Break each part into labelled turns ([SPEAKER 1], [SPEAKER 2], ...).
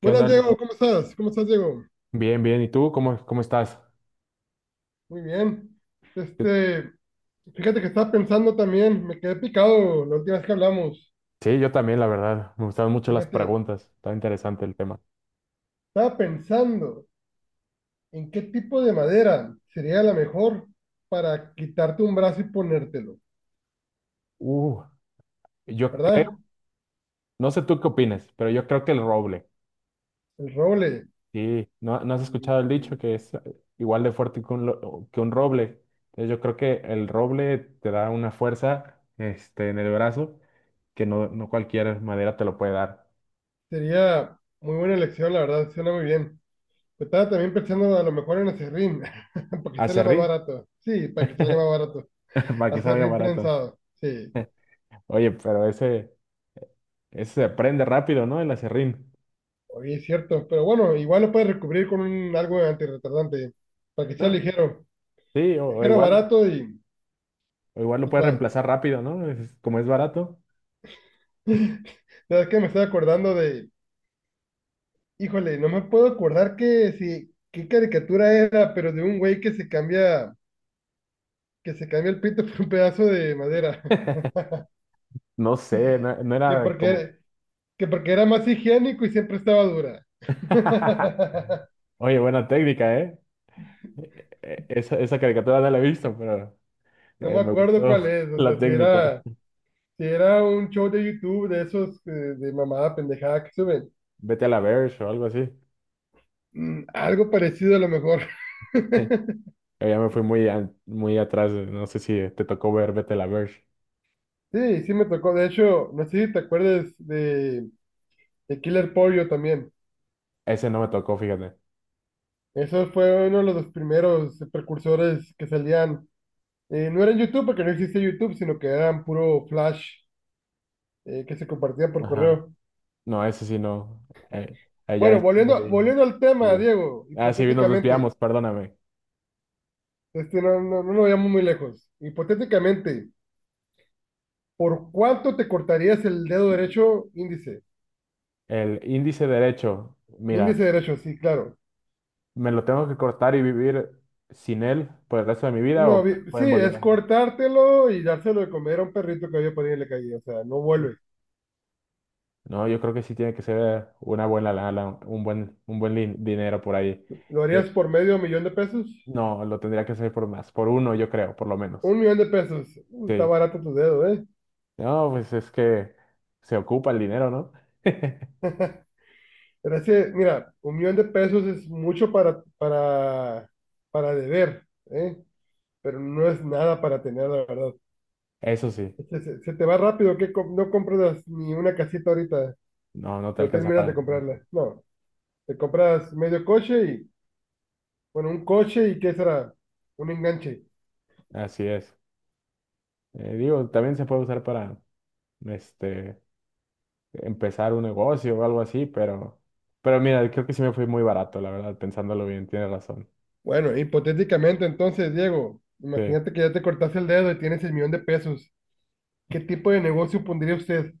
[SPEAKER 1] ¿Qué onda,
[SPEAKER 2] Buenas,
[SPEAKER 1] Ale?
[SPEAKER 2] Diego,
[SPEAKER 1] Co-
[SPEAKER 2] ¿cómo estás? ¿Cómo estás, Diego?
[SPEAKER 1] Bien, bien. ¿Y tú cómo estás?
[SPEAKER 2] Muy bien.
[SPEAKER 1] Yo-
[SPEAKER 2] Este, fíjate que estaba pensando también, me quedé picado la última vez que hablamos.
[SPEAKER 1] Sí, yo también, la verdad. Me gustaron mucho las
[SPEAKER 2] Fíjate,
[SPEAKER 1] preguntas. Está interesante el tema.
[SPEAKER 2] estaba pensando en qué tipo de madera sería la mejor para quitarte un brazo y ponértelo,
[SPEAKER 1] Uh, yo
[SPEAKER 2] ¿verdad?
[SPEAKER 1] creo, no sé tú qué opinas, pero yo creo que el roble.
[SPEAKER 2] El roble
[SPEAKER 1] Sí, ¿no has escuchado el dicho
[SPEAKER 2] mm,
[SPEAKER 1] que es igual de fuerte que un, lo- que un roble? Entonces, yo creo que el roble te da una fuerza, este, en el brazo que no cualquier madera te lo puede dar.
[SPEAKER 2] sería muy buena elección, la verdad, suena muy bien. Pero estaba también pensando a lo mejor en acerrín, para que salga más
[SPEAKER 1] Aserrín,
[SPEAKER 2] barato. Sí, para que salga más barato.
[SPEAKER 1] para que salga
[SPEAKER 2] Acerrín
[SPEAKER 1] barato.
[SPEAKER 2] prensado, sí.
[SPEAKER 1] Oye, pero ese se aprende rápido, ¿no? El aserrín.
[SPEAKER 2] Oye, es cierto, pero bueno, igual lo puedes recubrir con un, algo antirretardante, para que sea ligero,
[SPEAKER 1] Sí, o
[SPEAKER 2] ligero,
[SPEAKER 1] igual,
[SPEAKER 2] barato y...
[SPEAKER 1] o igual lo
[SPEAKER 2] y
[SPEAKER 1] puedes
[SPEAKER 2] cua-
[SPEAKER 1] reemplazar rápido, ¿no? Es- como es barato.
[SPEAKER 2] ¿Sabes qué? Me estoy acordando de... Híjole, no me puedo acordar que si, qué caricatura era, pero de un güey que se cambia el pito por un pedazo de madera,
[SPEAKER 1] No sé, no
[SPEAKER 2] que
[SPEAKER 1] era como...
[SPEAKER 2] porque, que porque era más higiénico y siempre estaba dura.
[SPEAKER 1] Oye, buena técnica, ¿eh? Esa caricatura no la he visto, pero
[SPEAKER 2] No me
[SPEAKER 1] me
[SPEAKER 2] acuerdo
[SPEAKER 1] gustó
[SPEAKER 2] cuál es, o
[SPEAKER 1] la
[SPEAKER 2] sea,
[SPEAKER 1] técnica.
[SPEAKER 2] si era un show de YouTube de esos de mamada pendejada que suben.
[SPEAKER 1] Vete a la Verge o algo así.
[SPEAKER 2] Algo parecido a lo mejor.
[SPEAKER 1] Yo ya me fui muy, an- muy atrás. No sé si te tocó ver Vete a la Verge.
[SPEAKER 2] Sí, sí me tocó. De hecho, no sé si te acuerdas de Killer Pollo también.
[SPEAKER 1] Ese no me tocó, fíjate.
[SPEAKER 2] Eso fue uno de los primeros precursores que salían. No era en YouTube porque no existía YouTube, sino que eran puro flash que se compartía por
[SPEAKER 1] Ajá.
[SPEAKER 2] correo.
[SPEAKER 1] No, ese sí no. Eh, allá
[SPEAKER 2] Bueno,
[SPEAKER 1] es muy...
[SPEAKER 2] volviendo al tema,
[SPEAKER 1] antiguo.
[SPEAKER 2] Diego,
[SPEAKER 1] Ah, sí, nos
[SPEAKER 2] hipotéticamente,
[SPEAKER 1] desviamos, perdóname.
[SPEAKER 2] no, no, no nos vayamos muy lejos. Hipotéticamente, ¿por cuánto te cortarías el dedo derecho índice?
[SPEAKER 1] El índice derecho, mira,
[SPEAKER 2] Índice derecho, sí, claro.
[SPEAKER 1] me lo tengo que cortar y vivir sin él por el resto de mi vida o
[SPEAKER 2] No,
[SPEAKER 1] me lo
[SPEAKER 2] sí,
[SPEAKER 1] pueden volver
[SPEAKER 2] es
[SPEAKER 1] a...
[SPEAKER 2] cortártelo y dárselo de comer a un perrito que había por ahí en la calle. O sea, no
[SPEAKER 1] Uf.
[SPEAKER 2] vuelve.
[SPEAKER 1] No, yo creo que sí tiene que ser una buena lana, un buen lin- dinero por ahí.
[SPEAKER 2] ¿Lo
[SPEAKER 1] Eh,
[SPEAKER 2] harías por 500,000 pesos?
[SPEAKER 1] no, lo tendría que hacer por más, por uno yo creo, por lo menos.
[SPEAKER 2] Un millón de pesos. Está
[SPEAKER 1] Sí.
[SPEAKER 2] barato tu dedo, ¿eh?
[SPEAKER 1] No, pues es que se ocupa el dinero, ¿no?
[SPEAKER 2] Pero es que, mira, 1,000,000 pesos es mucho para deber, ¿eh? Pero no es nada para tener, la verdad.
[SPEAKER 1] Eso sí,
[SPEAKER 2] Se te va rápido, que no compras ni una casita ahorita.
[SPEAKER 1] no te
[SPEAKER 2] No
[SPEAKER 1] alcanza
[SPEAKER 2] terminas de
[SPEAKER 1] para... nada.
[SPEAKER 2] comprarla. No, te compras medio coche y, bueno, un coche y ¿qué será? Un enganche.
[SPEAKER 1] Así es. Digo, también se puede usar para, este, empezar un negocio o algo así, pero mira, creo que sí me fui muy barato, la verdad, pensándolo bien, tienes razón.
[SPEAKER 2] Bueno, hipotéticamente entonces, Diego,
[SPEAKER 1] Sí.
[SPEAKER 2] imagínate que ya te cortaste el dedo y tienes el millón de pesos. ¿Qué tipo de negocio pondría usted?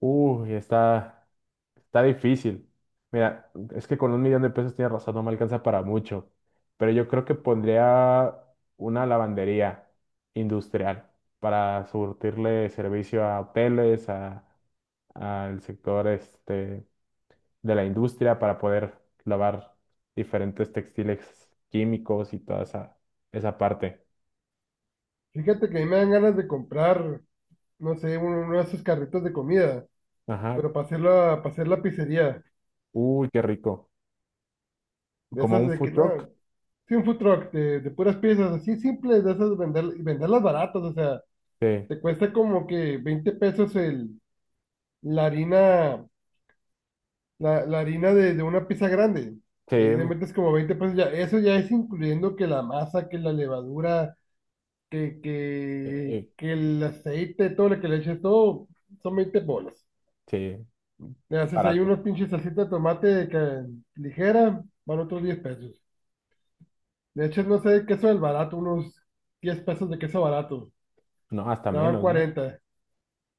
[SPEAKER 1] Uy, está, está difícil. Mira, es que con $1,000,000 tienes razón, no me alcanza para mucho, pero yo creo que pondría una lavandería industrial para surtirle servicio a hoteles, a, al sector este, de la industria, para poder lavar diferentes textiles químicos y toda esa, esa parte.
[SPEAKER 2] Fíjate que a mí me dan ganas de comprar, no sé, uno de esos carritos de comida,
[SPEAKER 1] Ajá.
[SPEAKER 2] pero para hacer la pizzería.
[SPEAKER 1] Uy, qué rico.
[SPEAKER 2] De
[SPEAKER 1] Como
[SPEAKER 2] esas
[SPEAKER 1] un
[SPEAKER 2] de
[SPEAKER 1] food
[SPEAKER 2] que,
[SPEAKER 1] truck.
[SPEAKER 2] no, sí, un food truck de puras piezas, así simples, de esas vender, y venderlas baratas, o sea,
[SPEAKER 1] Sí,
[SPEAKER 2] te cuesta como que 20 pesos el, la harina la, la harina de una pizza grande.
[SPEAKER 1] sí,
[SPEAKER 2] Ahí le
[SPEAKER 1] eh,
[SPEAKER 2] metes como 20 pesos. Ya, eso ya es incluyendo que la masa, que la levadura,
[SPEAKER 1] eh,
[SPEAKER 2] que el aceite, todo lo que le eches, todo son 20 bolas.
[SPEAKER 1] sí.
[SPEAKER 2] Le haces ahí
[SPEAKER 1] Barato.
[SPEAKER 2] unos pinches salsita de tomate ligera, van otros 10 pesos. Le echas, no sé, queso del barato, unos 10 pesos de queso barato,
[SPEAKER 1] No, hasta
[SPEAKER 2] ya van
[SPEAKER 1] menos, ¿no?
[SPEAKER 2] 40.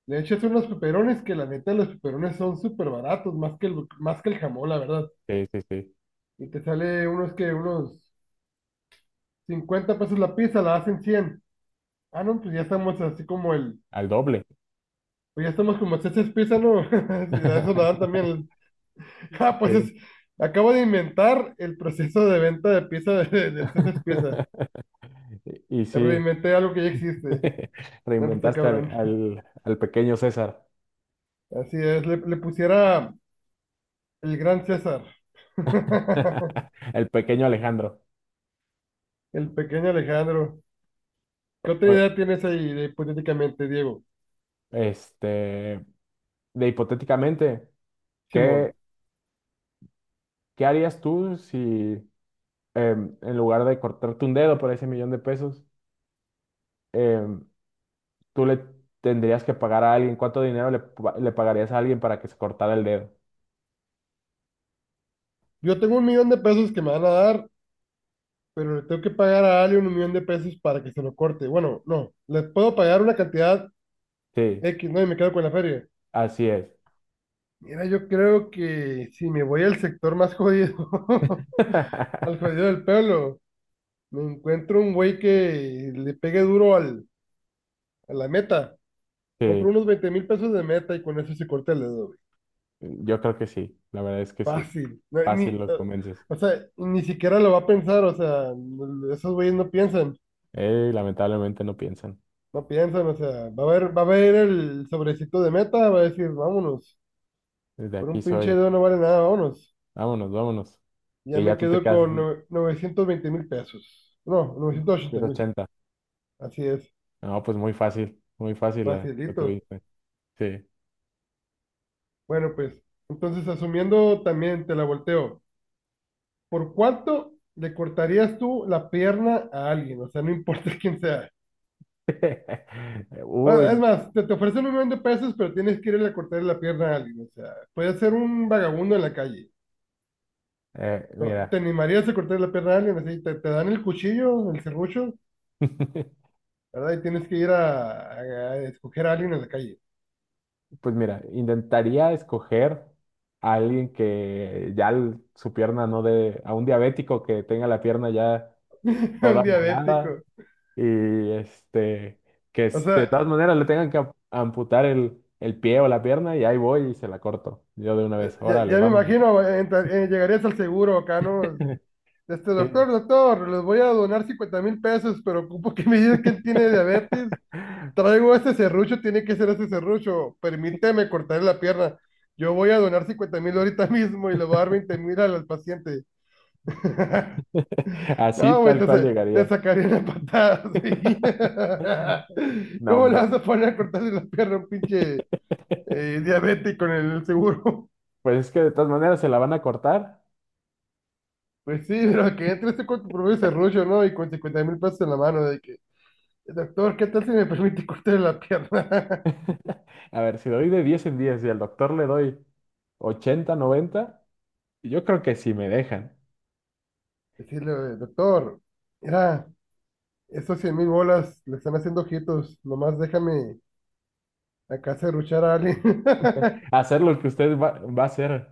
[SPEAKER 2] Le echas unos peperones, que la neta los peperones son súper baratos, más que el jamón, la verdad.
[SPEAKER 1] Sí.
[SPEAKER 2] Y te sale unos 50 pesos la pizza, la hacen 100. Ah, no,
[SPEAKER 1] Al doble.
[SPEAKER 2] pues ya estamos como César pizza, ¿no? Y a eso la dan también. Ah, pues
[SPEAKER 1] Sí.
[SPEAKER 2] acabo de inventar el proceso de venta de pizza del César pizza.
[SPEAKER 1] Y sí,
[SPEAKER 2] Reinventé algo que ya existe. No, pues está
[SPEAKER 1] reinventaste al,
[SPEAKER 2] cabrón.
[SPEAKER 1] al, al pequeño César,
[SPEAKER 2] Así es, le pusiera el gran César.
[SPEAKER 1] el pequeño Alejandro.
[SPEAKER 2] El pequeño Alejandro. ¿Qué otra
[SPEAKER 1] Oye,
[SPEAKER 2] idea tienes ahí hipotéticamente, Diego?
[SPEAKER 1] este, de hipotéticamente, ¿qué,
[SPEAKER 2] Simón,
[SPEAKER 1] qué harías tú si en lugar de cortarte un dedo por ese millón de pesos, em, tú le tendrías que pagar a alguien, cuánto dinero le, pa- le pagarías a alguien para que se cortara el dedo?
[SPEAKER 2] yo tengo 1,000,000 pesos que me van a dar, pero le tengo que pagar a alguien 1,000,000 pesos para que se lo corte. Bueno, no, le puedo pagar una cantidad
[SPEAKER 1] Sí,
[SPEAKER 2] X, ¿no? Y me quedo con la feria.
[SPEAKER 1] así es.
[SPEAKER 2] Mira, yo creo que si me voy al sector más jodido, al jodido del pueblo, me encuentro un güey que le pegue duro a la meta.
[SPEAKER 1] Sí,
[SPEAKER 2] Compro unos 20,000 pesos de meta y con eso se corta el dedo, güey.
[SPEAKER 1] yo creo que sí, la verdad es que sí.
[SPEAKER 2] Fácil. No,
[SPEAKER 1] Fácil
[SPEAKER 2] ni,
[SPEAKER 1] los convences.
[SPEAKER 2] o sea, ni siquiera lo va a pensar, o sea, esos güeyes no piensan.
[SPEAKER 1] Lamentablemente no piensan.
[SPEAKER 2] No piensan, o sea, va a haber el sobrecito de meta, va a decir, vámonos,
[SPEAKER 1] Desde
[SPEAKER 2] por
[SPEAKER 1] aquí
[SPEAKER 2] un pinche
[SPEAKER 1] soy.
[SPEAKER 2] dedo no vale nada, vámonos.
[SPEAKER 1] Vámonos, vámonos.
[SPEAKER 2] Ya
[SPEAKER 1] Y
[SPEAKER 2] me
[SPEAKER 1] ya tú te
[SPEAKER 2] quedo
[SPEAKER 1] quedas,
[SPEAKER 2] con 920,000 pesos. No,
[SPEAKER 1] ¿no?
[SPEAKER 2] novecientos ochenta
[SPEAKER 1] trescientos
[SPEAKER 2] mil.
[SPEAKER 1] ochenta
[SPEAKER 2] Así es,
[SPEAKER 1] No, pues muy fácil la, la
[SPEAKER 2] facilito.
[SPEAKER 1] tuviste. Sí.
[SPEAKER 2] Bueno, pues, entonces asumiendo también, te la volteo. ¿Por cuánto le cortarías tú la pierna a alguien? O sea, no importa quién sea.
[SPEAKER 1] Uy,
[SPEAKER 2] Ah, es
[SPEAKER 1] no.
[SPEAKER 2] más, te ofrecen 1,000,000 pesos, pero tienes que irle a cortar la pierna a alguien. O sea, puede ser un vagabundo en la calle. No, ¿te
[SPEAKER 1] Mira.
[SPEAKER 2] animarías a cortar la pierna a alguien? Así, te dan el cuchillo, el serrucho, ¿verdad? Y tienes que ir a escoger a alguien en la calle.
[SPEAKER 1] Pues mira, intentaría escoger a alguien que ya el- su pierna no de, a un diabético que tenga la pierna ya toda
[SPEAKER 2] Un
[SPEAKER 1] morada
[SPEAKER 2] diabético.
[SPEAKER 1] y este, que
[SPEAKER 2] O
[SPEAKER 1] es- de
[SPEAKER 2] sea,
[SPEAKER 1] todas maneras le tengan que am- amputar el pie o la pierna y ahí voy y se la corto. Yo de una vez, órale,
[SPEAKER 2] ya me
[SPEAKER 1] vámonos.
[SPEAKER 2] imagino, llegarías al seguro acá, ¿no? Este
[SPEAKER 1] Sí.
[SPEAKER 2] doctor, doctor, les voy a donar 50,000 pesos, pero ocupo que me digas que él tiene diabetes. Traigo este serrucho, tiene que ser este serrucho. Permíteme cortarle la pierna. Yo voy a donar 50 mil ahorita mismo y le voy a dar 20,000 al paciente.
[SPEAKER 1] Así
[SPEAKER 2] No, güey,
[SPEAKER 1] tal cual
[SPEAKER 2] te
[SPEAKER 1] llegaría.
[SPEAKER 2] sacarían la patada, sí.
[SPEAKER 1] No,
[SPEAKER 2] ¿Cómo le
[SPEAKER 1] hombre.
[SPEAKER 2] vas a poner a cortarle la pierna a un pinche diabético en el seguro?
[SPEAKER 1] Pues es que de todas maneras se la van a cortar.
[SPEAKER 2] Pues sí, pero que entre este cuerpo promedio serrucho, ¿no? Y con 50,000 pesos en la mano, de que, doctor, ¿qué tal si me permite cortarle la pierna?
[SPEAKER 1] A ver, si doy de 10 en 10 y al doctor le doy 80, 90, yo creo que sí me dejan
[SPEAKER 2] Decirle, doctor, mira, esos 100,000 bolas le están haciendo ojitos, nomás déjame acá serruchar a alguien.
[SPEAKER 1] hacer lo que usted va a hacer.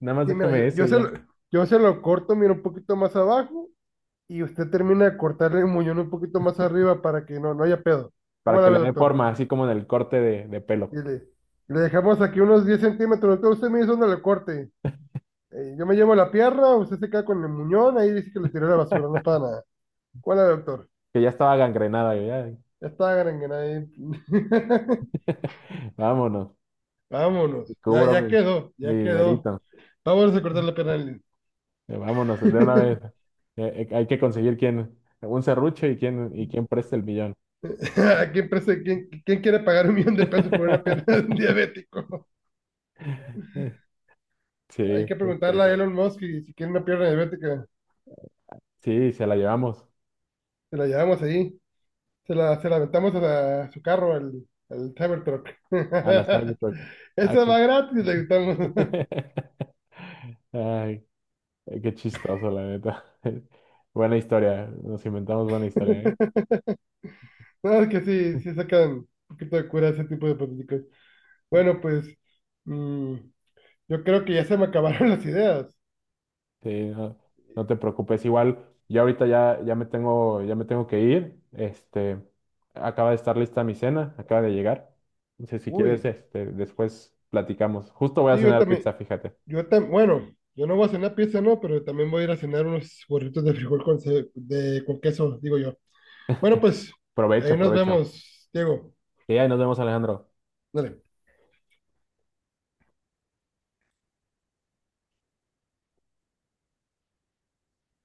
[SPEAKER 1] Nada más
[SPEAKER 2] Sí, mira,
[SPEAKER 1] déjeme eso y ya,
[SPEAKER 2] yo se lo corto, mira, un poquito más abajo y usted termina de cortarle el muñón un poquito más arriba para que no haya pedo. ¿Cómo
[SPEAKER 1] para
[SPEAKER 2] la
[SPEAKER 1] que le
[SPEAKER 2] ve,
[SPEAKER 1] dé
[SPEAKER 2] doctor?
[SPEAKER 1] forma, así como en el corte de
[SPEAKER 2] Y
[SPEAKER 1] pelo,
[SPEAKER 2] le dejamos aquí unos 10 centímetros, doctor, usted me dice dónde le corte. Yo me llevo la pierna, usted se queda con el muñón, ahí dice que lo tiró a la basura, no para nada. ¿Cuál es, doctor?
[SPEAKER 1] que ya estaba gangrenada. Yo ya.
[SPEAKER 2] Ya está, Granguena, ahí.
[SPEAKER 1] Vámonos, y
[SPEAKER 2] Vámonos, ya,
[SPEAKER 1] cubro
[SPEAKER 2] ya
[SPEAKER 1] mi,
[SPEAKER 2] quedó,
[SPEAKER 1] mi
[SPEAKER 2] ya quedó.
[SPEAKER 1] dinerito.
[SPEAKER 2] Vámonos a cortar la pierna. A
[SPEAKER 1] Vámonos, de una vez. Hay que conseguir quién, un serrucho y quién preste el millón.
[SPEAKER 2] ¿A quién quiere pagar 1,000,000 pesos por una pierna de un diabético?
[SPEAKER 1] Sí,
[SPEAKER 2] Hay que
[SPEAKER 1] estaría
[SPEAKER 2] preguntarle a
[SPEAKER 1] bueno.
[SPEAKER 2] Elon Musk y si quiere una pierna diabética.
[SPEAKER 1] Sí, se la llevamos.
[SPEAKER 2] Se la llevamos ahí. Se la aventamos a su carro, al Cybertruck.
[SPEAKER 1] A la Cybertruck. Ah,
[SPEAKER 2] Eso
[SPEAKER 1] qué...
[SPEAKER 2] va gratis, le gritamos.
[SPEAKER 1] Ay, qué chistoso, la neta. Buena historia. Nos inventamos buena historia, ¿eh?
[SPEAKER 2] No, es que sí sacan un poquito de cura ese tipo de políticos. Bueno, pues mm, yo creo que ya se me acabaron las ideas.
[SPEAKER 1] Sí, no, no te preocupes. Igual, yo ahorita ya, ya me tengo que ir. Este, acaba de estar lista mi cena, acaba de llegar. Entonces, si quieres,
[SPEAKER 2] Uy,
[SPEAKER 1] este, después platicamos. Justo voy a
[SPEAKER 2] sí, yo
[SPEAKER 1] cenar pizza,
[SPEAKER 2] también,
[SPEAKER 1] fíjate.
[SPEAKER 2] yo tam bueno, yo no voy a cenar pizza, no, pero también voy a ir a cenar unos burritos de frijol con queso, digo yo. Bueno, pues ahí
[SPEAKER 1] Provecho,
[SPEAKER 2] nos
[SPEAKER 1] provecho.
[SPEAKER 2] vemos, Diego.
[SPEAKER 1] Sí, ahí nos vemos, Alejandro.
[SPEAKER 2] Dale.